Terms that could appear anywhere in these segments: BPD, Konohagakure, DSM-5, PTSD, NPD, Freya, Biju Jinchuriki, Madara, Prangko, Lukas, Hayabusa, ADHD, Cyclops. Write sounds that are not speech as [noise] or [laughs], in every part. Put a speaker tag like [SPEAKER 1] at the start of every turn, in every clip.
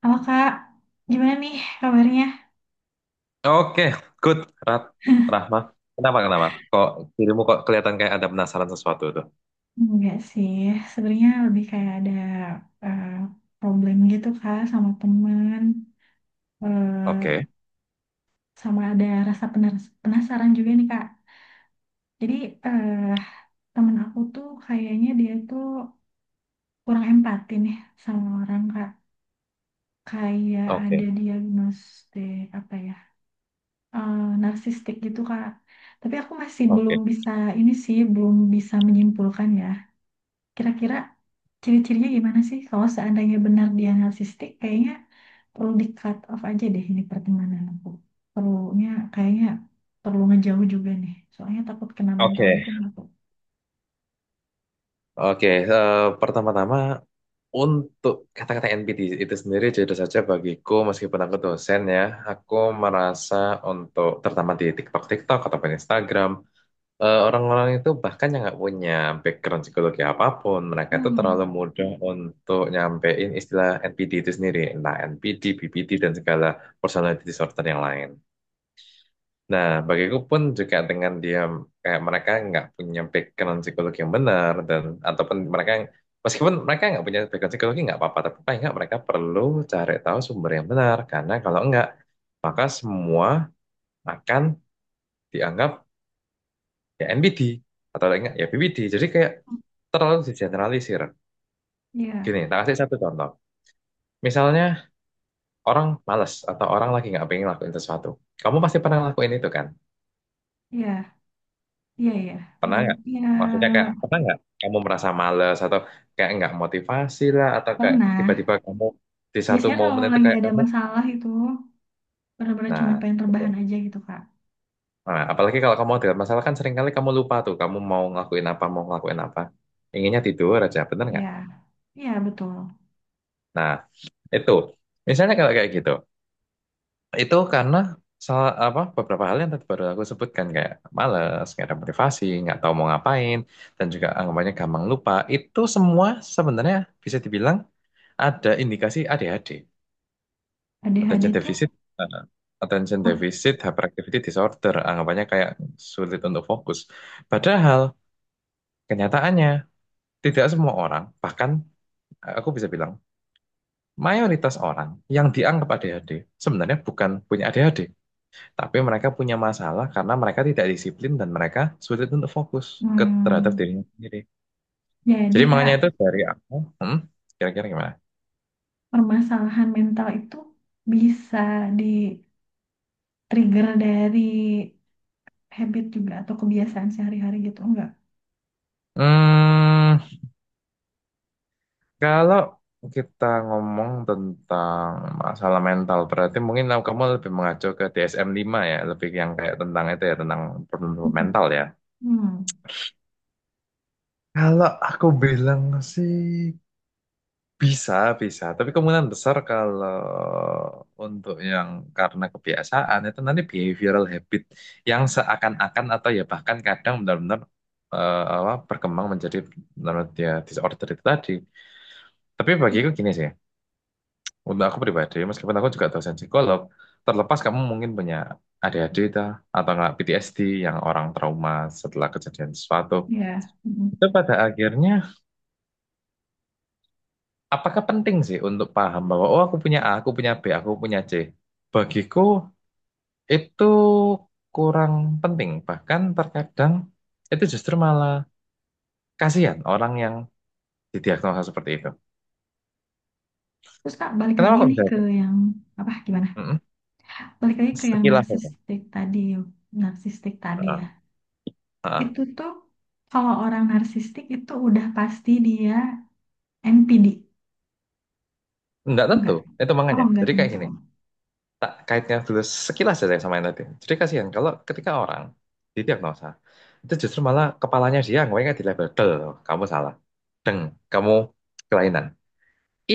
[SPEAKER 1] Halo Kak, gimana nih kabarnya?
[SPEAKER 2] Oke, good. Rah Rahma, kenapa kenapa? Kok dirimu kok kelihatan kayak ada penasaran sesuatu tuh?
[SPEAKER 1] Enggak sih, sebenarnya lebih kayak ada eh, problem gitu Kak sama temen. Eh,
[SPEAKER 2] Oke,
[SPEAKER 1] Sama ada rasa penasaran juga nih Kak. Jadi, eh temen aku tuh kayaknya dia tuh kurang empati nih sama orang Kak. Kayak ada
[SPEAKER 2] oke,
[SPEAKER 1] diagnostik apa ya, eh, narsistik gitu Kak. Tapi aku masih belum
[SPEAKER 2] oke,
[SPEAKER 1] bisa, ini sih belum bisa menyimpulkan ya. Kira-kira ciri-cirinya gimana sih? Kalau seandainya benar dia narsistik, kayaknya perlu di cut off aja deh ini pertemanan aku. Perlunya kayaknya perlu ngejauh juga nih. Soalnya takut kena mental
[SPEAKER 2] oke,
[SPEAKER 1] juga nih aku.
[SPEAKER 2] oke. Pertama-tama untuk kata-kata NPT itu sendiri jujur saja bagiku meskipun aku dosen ya, aku merasa untuk terutama di TikTok, TikTok ataupun Instagram, orang-orang itu bahkan yang nggak punya background psikologi apapun, mereka itu terlalu
[SPEAKER 1] Hmm,
[SPEAKER 2] mudah untuk nyampein istilah NPD itu sendiri, entah NPD, BPD, dan segala personality disorder yang lain. Nah, bagiku pun juga dengan dia kayak mereka nggak punya background psikologi yang benar, dan ataupun mereka meskipun mereka nggak punya background psikologi nggak apa-apa, tapi paling nggak mereka perlu cari tahu sumber yang benar karena kalau nggak maka semua akan dianggap ya NPD atau enggak ya BPD, jadi kayak terlalu digeneralisir.
[SPEAKER 1] ya,
[SPEAKER 2] Gini tak kasih satu contoh, misalnya orang malas atau orang lagi nggak pengen lakuin sesuatu, kamu pasti pernah lakuin itu kan?
[SPEAKER 1] ya, ya, ya, ya,
[SPEAKER 2] Pernah nggak? Maksudnya kayak
[SPEAKER 1] iya,
[SPEAKER 2] pernah nggak kamu merasa malas atau kayak nggak motivasi lah, atau kayak
[SPEAKER 1] pernah.
[SPEAKER 2] tiba-tiba kamu di satu
[SPEAKER 1] Biasanya
[SPEAKER 2] momen
[SPEAKER 1] kalau
[SPEAKER 2] itu
[SPEAKER 1] lagi
[SPEAKER 2] kayak
[SPEAKER 1] ada
[SPEAKER 2] kamu
[SPEAKER 1] masalah itu, benar-benar cuma
[SPEAKER 2] nah
[SPEAKER 1] pengen
[SPEAKER 2] gitu.
[SPEAKER 1] terbahan aja gitu, Kak.
[SPEAKER 2] Nah, apalagi kalau kamu ada masalah kan seringkali kamu lupa tuh kamu mau ngelakuin apa mau ngelakuin apa, inginnya tidur aja, bener nggak?
[SPEAKER 1] Ya, ya betul.
[SPEAKER 2] Nah itu misalnya kalau kayak gitu. Itu karena salah apa beberapa hal yang tadi baru aku sebutkan, kayak malas, nggak ada motivasi, nggak tahu mau ngapain, dan juga anggapannya gampang lupa. Itu semua sebenarnya bisa dibilang ada indikasi ADHD,
[SPEAKER 1] ADHD
[SPEAKER 2] attention
[SPEAKER 1] tuh,
[SPEAKER 2] deficit, eh, attention
[SPEAKER 1] ah,
[SPEAKER 2] deficit hyperactivity disorder, anggapannya kayak sulit untuk fokus. Padahal kenyataannya tidak semua orang, bahkan aku bisa bilang mayoritas orang yang dianggap ADHD sebenarnya bukan punya ADHD. Tapi mereka punya masalah karena mereka tidak disiplin, dan mereka sulit untuk fokus terhadap
[SPEAKER 1] hmm,
[SPEAKER 2] dirinya sendiri.
[SPEAKER 1] jadi
[SPEAKER 2] Jadi makanya
[SPEAKER 1] Kak,
[SPEAKER 2] itu dari aku, hmm, kira-kira gimana?
[SPEAKER 1] permasalahan mental itu bisa di trigger dari habit juga atau kebiasaan sehari-hari gitu enggak?
[SPEAKER 2] Hmm, kalau kita ngomong tentang masalah mental, berarti mungkin kamu kamu lebih mengacu ke DSM 5 ya, lebih yang kayak tentang itu ya, tentang problem
[SPEAKER 1] Mhm.
[SPEAKER 2] mental ya.
[SPEAKER 1] Hmm,
[SPEAKER 2] Kalau aku bilang sih, bisa, bisa. Tapi kemungkinan besar kalau untuk yang karena kebiasaan itu nanti behavioral habit yang seakan-akan atau ya bahkan kadang benar-benar, berkembang menjadi menurut dia disorder itu tadi. Tapi bagiku gini sih, untuk aku pribadi, meskipun aku juga dosen psikolog, terlepas kamu mungkin punya ADHD itu atau nggak PTSD yang orang trauma setelah kejadian sesuatu,
[SPEAKER 1] ya. Mhm.
[SPEAKER 2] itu pada akhirnya apakah penting sih untuk paham bahwa oh aku punya A, aku punya B, aku punya C? Bagiku itu kurang penting. Bahkan terkadang itu justru malah kasihan orang yang didiagnosa seperti itu.
[SPEAKER 1] Terus Kak balik
[SPEAKER 2] Kenapa
[SPEAKER 1] lagi
[SPEAKER 2] kok
[SPEAKER 1] nih
[SPEAKER 2] bisa
[SPEAKER 1] ke
[SPEAKER 2] itu?
[SPEAKER 1] yang apa gimana?
[SPEAKER 2] Mm-mm.
[SPEAKER 1] Balik lagi ke yang
[SPEAKER 2] Sekilas aja.
[SPEAKER 1] narsistik tadi
[SPEAKER 2] Heeh,
[SPEAKER 1] ya.
[SPEAKER 2] heeh.
[SPEAKER 1] Itu tuh kalau orang narsistik itu udah pasti dia NPD.
[SPEAKER 2] Nggak tentu.
[SPEAKER 1] Enggak.
[SPEAKER 2] Itu
[SPEAKER 1] Oh,
[SPEAKER 2] makanya.
[SPEAKER 1] enggak
[SPEAKER 2] Jadi kayak
[SPEAKER 1] tentu.
[SPEAKER 2] gini. Tak kaitnya dulu sekilas aja sama yang tadi. Jadi kasihan kalau ketika orang didiagnosa itu justru malah kepalanya dia yang nggak dilabel. Del, kamu salah. Deng, kamu kelainan.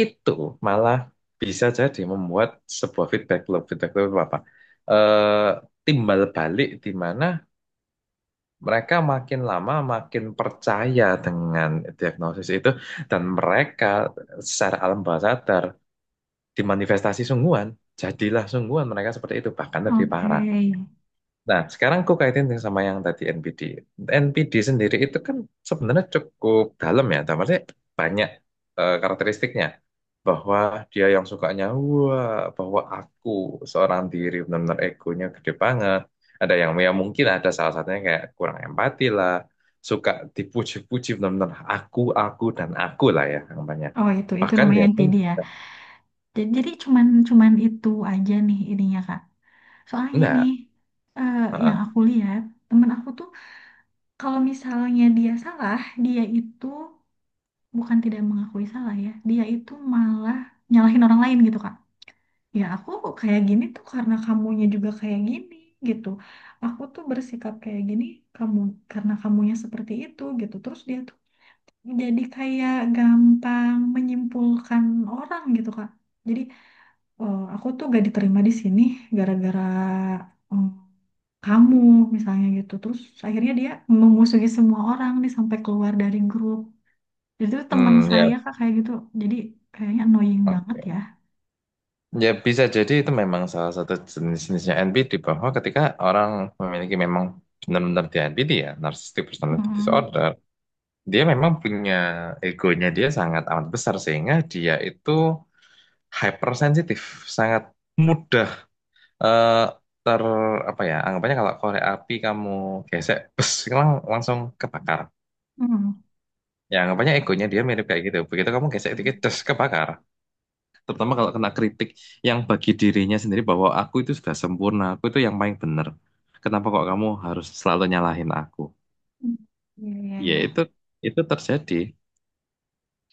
[SPEAKER 2] Itu malah bisa jadi membuat sebuah feedback loop. Feedback loop itu apa? Eh, timbal balik di mana mereka makin lama makin percaya dengan diagnosis itu, dan mereka secara alam bawah sadar dimanifestasi sungguhan, jadilah sungguhan mereka seperti itu, bahkan lebih
[SPEAKER 1] Oke.
[SPEAKER 2] parah. Nah, sekarang aku kaitin yang sama yang tadi NPD. NPD sendiri itu kan sebenarnya cukup dalam ya, tapi banyak karakteristiknya. Bahwa dia yang sukanya, wah, bahwa aku seorang diri, benar-benar egonya gede banget. Ada yang ya mungkin ada salah satunya kayak kurang empati lah, suka dipuji-puji, benar-benar aku, dan aku lah ya, namanya.
[SPEAKER 1] Oh, itu
[SPEAKER 2] Bahkan
[SPEAKER 1] namanya
[SPEAKER 2] dia pun
[SPEAKER 1] NPD ya.
[SPEAKER 2] juga,
[SPEAKER 1] Jadi cuman cuman itu aja nih ininya Kak. Soalnya nih,
[SPEAKER 2] enggak,
[SPEAKER 1] eh, yang
[SPEAKER 2] heeh.
[SPEAKER 1] aku lihat, temen aku tuh kalau misalnya dia salah, dia itu bukan tidak mengakui salah ya, dia itu malah nyalahin orang lain gitu, Kak. Ya aku kayak gini tuh karena kamunya juga kayak gini gitu. Aku tuh bersikap kayak gini kamu karena kamunya seperti itu gitu. Terus dia tuh jadi kayak gampang menyimpulkan orang gitu, Kak. Jadi, aku tuh gak diterima di sini gara-gara eh, kamu misalnya gitu terus akhirnya dia memusuhi semua orang nih sampai keluar dari grup. Jadi itu teman
[SPEAKER 2] Hmm,
[SPEAKER 1] saya
[SPEAKER 2] ya,
[SPEAKER 1] kak kayak gitu, jadi kayaknya annoying banget
[SPEAKER 2] oke.
[SPEAKER 1] ya.
[SPEAKER 2] Ya bisa jadi itu memang salah satu jenis-jenisnya NPD, bahwa ketika orang memiliki memang benar-benar di NPD ya, narcissistic personality
[SPEAKER 1] Mm-mm.
[SPEAKER 2] disorder, dia memang punya egonya dia sangat amat besar sehingga dia itu hypersensitif, sangat mudah eh, ter apa ya, anggapannya kalau korek api kamu gesek, bes, langsung kebakar.
[SPEAKER 1] Mm-mm.
[SPEAKER 2] Ya anggapannya egonya dia mirip kayak gitu. Begitu kamu gesek
[SPEAKER 1] Mm.
[SPEAKER 2] dikit, des, kebakar. Terutama kalau kena kritik yang bagi dirinya sendiri bahwa aku itu sudah sempurna, aku itu yang paling benar. Kenapa kok kamu harus selalu nyalahin aku?
[SPEAKER 1] Iya, iya,
[SPEAKER 2] Ya
[SPEAKER 1] iya.
[SPEAKER 2] itu terjadi.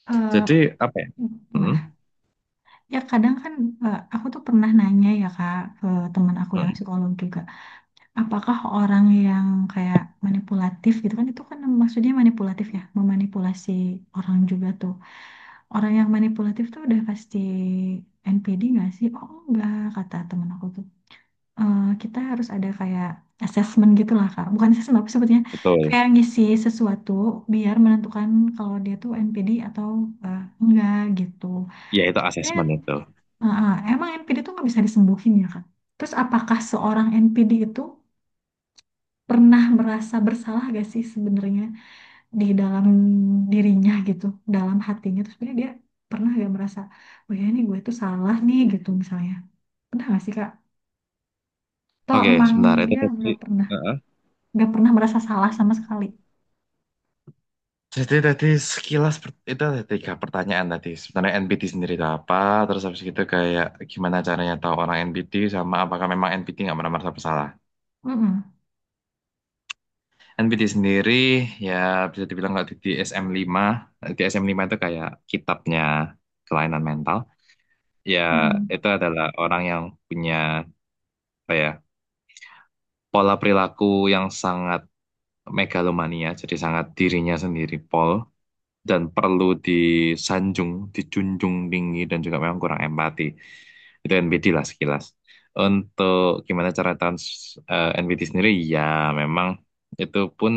[SPEAKER 1] Eh,
[SPEAKER 2] Jadi apa ya? Hmm,
[SPEAKER 1] Gimana? Ya kadang kan, aku tuh pernah nanya ya Kak ke teman aku yang
[SPEAKER 2] hmm,
[SPEAKER 1] psikolog juga, apakah orang yang kayak manipulatif gitu kan, itu kan maksudnya manipulatif ya, memanipulasi orang juga tuh. Orang yang manipulatif tuh udah pasti NPD nggak sih? Oh enggak, kata temen aku tuh. Eh, kita harus ada kayak assessment gitu lah, Kak. Bukan assessment, apa sebetulnya?
[SPEAKER 2] betul.
[SPEAKER 1] Kayak ngisi sesuatu biar menentukan kalau dia tuh NPD atau enggak gitu.
[SPEAKER 2] Ya itu
[SPEAKER 1] Dan
[SPEAKER 2] asesmen itu.
[SPEAKER 1] emang NPD tuh nggak bisa disembuhin ya, Kak? Terus apakah seorang NPD itu pernah merasa bersalah gak sih sebenarnya? Di dalam dirinya gitu, dalam hatinya, terus sebenarnya dia pernah gak merasa, oh ya ini gue tuh salah nih gitu misalnya. Pernah gak sih Kak? Atau
[SPEAKER 2] Oke,
[SPEAKER 1] emang
[SPEAKER 2] sebentar itu
[SPEAKER 1] dia
[SPEAKER 2] tadi. Heeh.
[SPEAKER 1] nggak pernah merasa salah sama sekali.
[SPEAKER 2] Jadi tadi sekilas itu ada tiga pertanyaan tadi. Sebenarnya NPT sendiri itu apa? Terus habis itu kayak gimana caranya tahu orang NPT sama apakah memang NPT nggak pernah merasa bersalah?
[SPEAKER 1] Mm-mm.
[SPEAKER 2] NPT sendiri ya bisa dibilang kalau di DSM-5, di DSM lima D S M lima itu kayak kitabnya kelainan mental. Ya
[SPEAKER 1] Mm-mm.
[SPEAKER 2] itu adalah orang yang punya apa ya pola perilaku yang sangat megalomania, jadi sangat dirinya sendiri pol, dan perlu disanjung, dijunjung tinggi, dan juga memang kurang empati. Itu NPT lah sekilas. Untuk gimana cara NPT sendiri, ya memang itu pun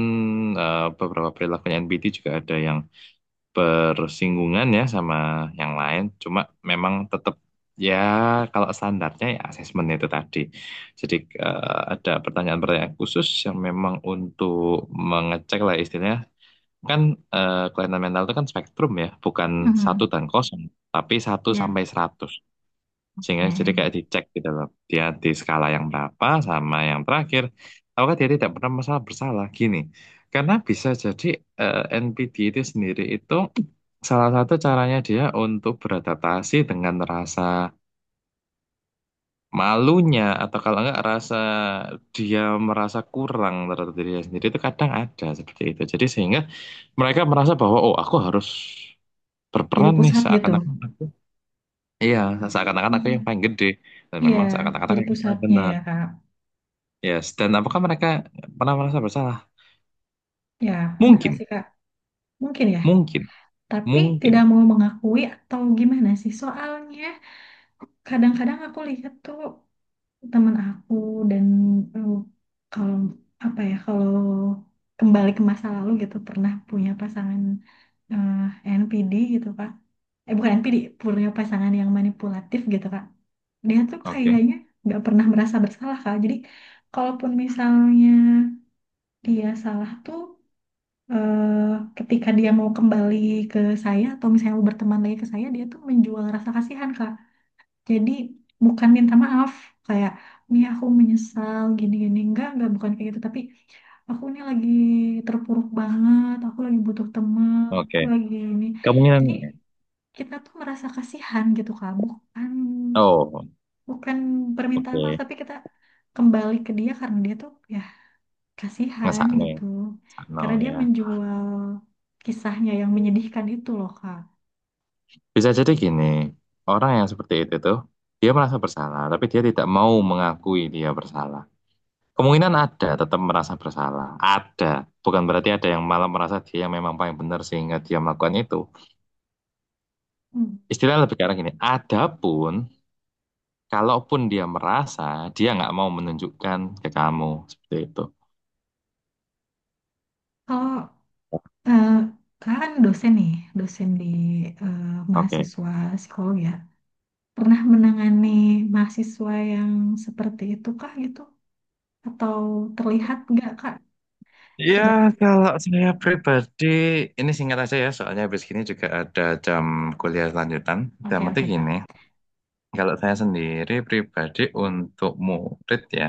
[SPEAKER 2] beberapa perilakunya NPT juga ada yang bersinggungan ya sama yang lain. Cuma memang tetap ya kalau standarnya ya asesmen itu tadi. Jadi ada pertanyaan-pertanyaan khusus yang memang untuk mengecek lah istilahnya. Kan kelainan mental itu kan spektrum ya, bukan satu
[SPEAKER 1] Mm-mm.
[SPEAKER 2] dan kosong, tapi satu
[SPEAKER 1] Ya.
[SPEAKER 2] sampai 100. Sehingga jadi
[SPEAKER 1] Eh,
[SPEAKER 2] kayak dicek gitu loh. Dia di skala yang berapa sama yang terakhir. Apakah dia tidak pernah masalah bersalah? Gini, karena bisa jadi NPD itu sendiri itu salah satu caranya dia untuk beradaptasi dengan rasa malunya atau kalau enggak rasa dia merasa kurang terhadap dirinya sendiri itu kadang ada seperti itu. Jadi sehingga mereka merasa bahwa oh aku harus
[SPEAKER 1] jadi
[SPEAKER 2] berperan nih
[SPEAKER 1] pusat gitu.
[SPEAKER 2] seakan-akan aku iya seakan-akan aku yang
[SPEAKER 1] Hmm.
[SPEAKER 2] paling gede dan
[SPEAKER 1] Iya,
[SPEAKER 2] memang seakan-akan
[SPEAKER 1] jadi
[SPEAKER 2] aku yang paling
[SPEAKER 1] pusatnya
[SPEAKER 2] benar.
[SPEAKER 1] ya Kak.
[SPEAKER 2] Yes, dan apakah mereka pernah merasa bersalah?
[SPEAKER 1] Ya, pernah gak
[SPEAKER 2] Mungkin,
[SPEAKER 1] sih Kak? Mungkin ya.
[SPEAKER 2] mungkin,
[SPEAKER 1] Tapi
[SPEAKER 2] mungkin.
[SPEAKER 1] tidak mau mengakui atau gimana sih? Soalnya kadang-kadang aku lihat tuh teman aku, dan eh, kalau apa ya kalau kembali ke masa lalu gitu pernah punya pasangan eh, NPD gitu Kak. Eh bukan NPD, punya pasangan yang manipulatif gitu Kak. Dia tuh
[SPEAKER 2] Oke,
[SPEAKER 1] kayaknya nggak pernah merasa bersalah Kak. Jadi kalaupun misalnya dia salah tuh, eh, ketika dia mau kembali ke saya atau misalnya mau berteman lagi ke saya, dia tuh menjual rasa kasihan Kak. Jadi bukan minta maaf kayak Mia aku menyesal gini-gini enggak bukan kayak gitu, tapi aku ini lagi terpuruk banget aku lagi butuh teman
[SPEAKER 2] oke.
[SPEAKER 1] aku lagi ini,
[SPEAKER 2] Kemungkinan
[SPEAKER 1] jadi kita tuh merasa kasihan gitu kak. Bukan
[SPEAKER 2] oh,
[SPEAKER 1] bukan permintaan maaf
[SPEAKER 2] oke.
[SPEAKER 1] tapi kita kembali ke dia karena dia tuh ya kasihan
[SPEAKER 2] Ngesakno, ya,
[SPEAKER 1] gitu,
[SPEAKER 2] ngesakno
[SPEAKER 1] karena dia
[SPEAKER 2] ya.
[SPEAKER 1] menjual kisahnya yang menyedihkan itu loh kak.
[SPEAKER 2] Bisa jadi gini, orang yang seperti itu tuh, dia merasa bersalah, tapi dia tidak mau mengakui dia bersalah. Kemungkinan ada, tetap merasa bersalah. Ada. Bukan berarti ada yang malah merasa dia yang memang paling benar sehingga dia melakukan itu.
[SPEAKER 1] Hmm.
[SPEAKER 2] Istilahnya lebih ke arah gini, adapun, kalaupun dia merasa, dia nggak mau menunjukkan ke kamu. Seperti itu.
[SPEAKER 1] Kalau Eh, kakak kan dosen nih, dosen di eh,
[SPEAKER 2] Oke.
[SPEAKER 1] mahasiswa psikolog ya. Pernah menangani mahasiswa yang seperti itu kah gitu? Atau terlihat nggak kak sebagai...
[SPEAKER 2] Ya, kalau saya pribadi, ini singkat aja ya, soalnya habis ini juga ada jam kuliah lanjutan. Dan
[SPEAKER 1] Oke
[SPEAKER 2] penting
[SPEAKER 1] oke
[SPEAKER 2] gini,
[SPEAKER 1] kak.
[SPEAKER 2] kalau saya sendiri pribadi untuk murid ya,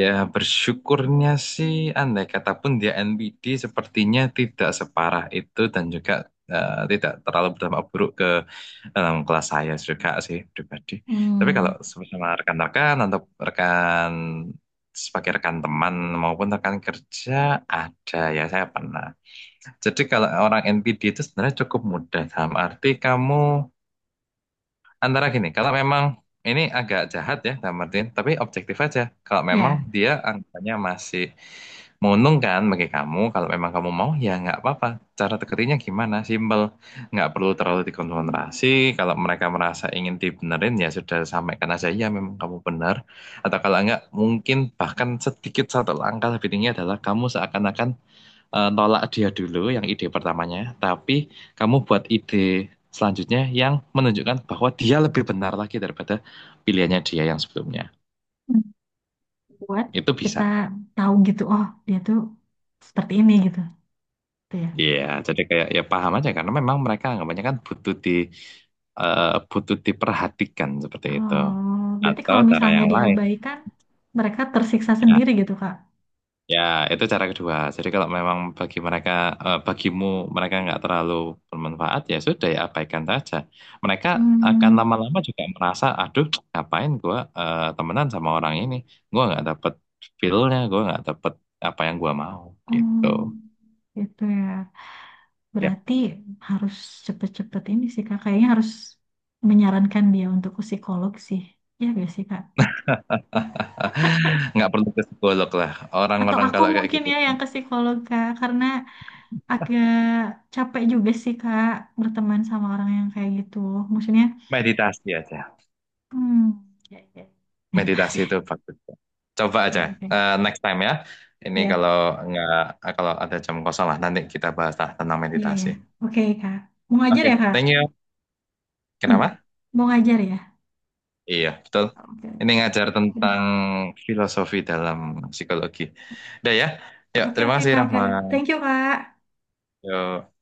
[SPEAKER 2] ya bersyukurnya sih andai kata pun dia NPD sepertinya tidak separah itu, dan juga tidak terlalu berdampak buruk ke dalam kelas saya juga sih pribadi. Tapi kalau
[SPEAKER 1] Hmm,
[SPEAKER 2] sama rekan-rekan atau rekan sebagai rekan teman maupun rekan kerja, ada ya saya pernah. Jadi kalau orang NPD itu sebenarnya cukup mudah dalam arti kamu antara gini, kalau memang ini agak jahat ya, Kak Martin, tapi objektif aja. Kalau memang
[SPEAKER 1] ya,
[SPEAKER 2] dia angkanya masih menguntungkan bagi kamu, kalau memang kamu mau ya nggak apa-apa. Cara tekerinya gimana? Simpel, nggak perlu terlalu dikonfrontasi. Kalau mereka merasa ingin dibenerin ya sudah sampaikan aja ya memang kamu benar. Atau kalau nggak mungkin bahkan sedikit satu langkah lebih tinggi adalah kamu seakan-akan nolak dia dulu yang ide pertamanya, tapi kamu buat ide selanjutnya yang menunjukkan bahwa dia lebih benar lagi daripada pilihannya dia yang sebelumnya.
[SPEAKER 1] buat
[SPEAKER 2] Itu bisa.
[SPEAKER 1] kita tahu gitu. Oh dia tuh seperti ini gitu, gitu ya.
[SPEAKER 2] Iya, jadi kayak ya paham aja karena memang mereka anggapannya kan butuh butuh diperhatikan seperti itu.
[SPEAKER 1] Oh berarti
[SPEAKER 2] Atau
[SPEAKER 1] kalau
[SPEAKER 2] cara
[SPEAKER 1] misalnya
[SPEAKER 2] yang lain.
[SPEAKER 1] diabaikan, mereka tersiksa
[SPEAKER 2] Ya,
[SPEAKER 1] sendiri gitu kak.
[SPEAKER 2] ya, itu cara kedua. Jadi kalau memang bagi mereka, eh, bagimu mereka nggak terlalu bermanfaat, ya sudah ya abaikan saja. Mereka akan
[SPEAKER 1] Hmm,
[SPEAKER 2] lama-lama juga merasa, aduh, ngapain gua temenan sama orang ini? Gua nggak dapet feel-nya, gua nggak dapet apa yang gua mau,
[SPEAKER 1] oh
[SPEAKER 2] gitu.
[SPEAKER 1] gitu ya.
[SPEAKER 2] Ya,
[SPEAKER 1] Berarti harus cepet-cepet ini sih Kak. Kayaknya harus menyarankan dia untuk ke psikolog sih. Ya gak sih Kak?
[SPEAKER 2] [laughs] nggak perlu ke psikolog lah.
[SPEAKER 1] Atau
[SPEAKER 2] Orang-orang
[SPEAKER 1] aku
[SPEAKER 2] kalau kayak
[SPEAKER 1] mungkin
[SPEAKER 2] gitu,
[SPEAKER 1] ya yang ke psikolog Kak. Karena agak capek juga sih Kak berteman sama orang yang kayak gitu. Maksudnya,
[SPEAKER 2] meditasi aja.
[SPEAKER 1] hmm, ya, ya. Meditasi.
[SPEAKER 2] Meditasi itu
[SPEAKER 1] [laughs]
[SPEAKER 2] bagus. Coba aja
[SPEAKER 1] Ya oke.
[SPEAKER 2] next time ya. Ini
[SPEAKER 1] Iya,
[SPEAKER 2] kalau nggak kalau ada jam kosong lah nanti kita bahas lah tentang
[SPEAKER 1] iya ya.
[SPEAKER 2] meditasi.
[SPEAKER 1] Oke Kak. Mau ngajar ya
[SPEAKER 2] Oke,
[SPEAKER 1] Kak?
[SPEAKER 2] thank you.
[SPEAKER 1] Hmm.
[SPEAKER 2] Kenapa?
[SPEAKER 1] Mau ngajar ya?
[SPEAKER 2] Iya, betul.
[SPEAKER 1] Oke.
[SPEAKER 2] Ini ngajar tentang filosofi dalam psikologi. Udah ya. Yuk,
[SPEAKER 1] Oke
[SPEAKER 2] terima
[SPEAKER 1] oke
[SPEAKER 2] kasih
[SPEAKER 1] Kak. Oke.
[SPEAKER 2] Rahma.
[SPEAKER 1] Thank you Kak.
[SPEAKER 2] Yuk.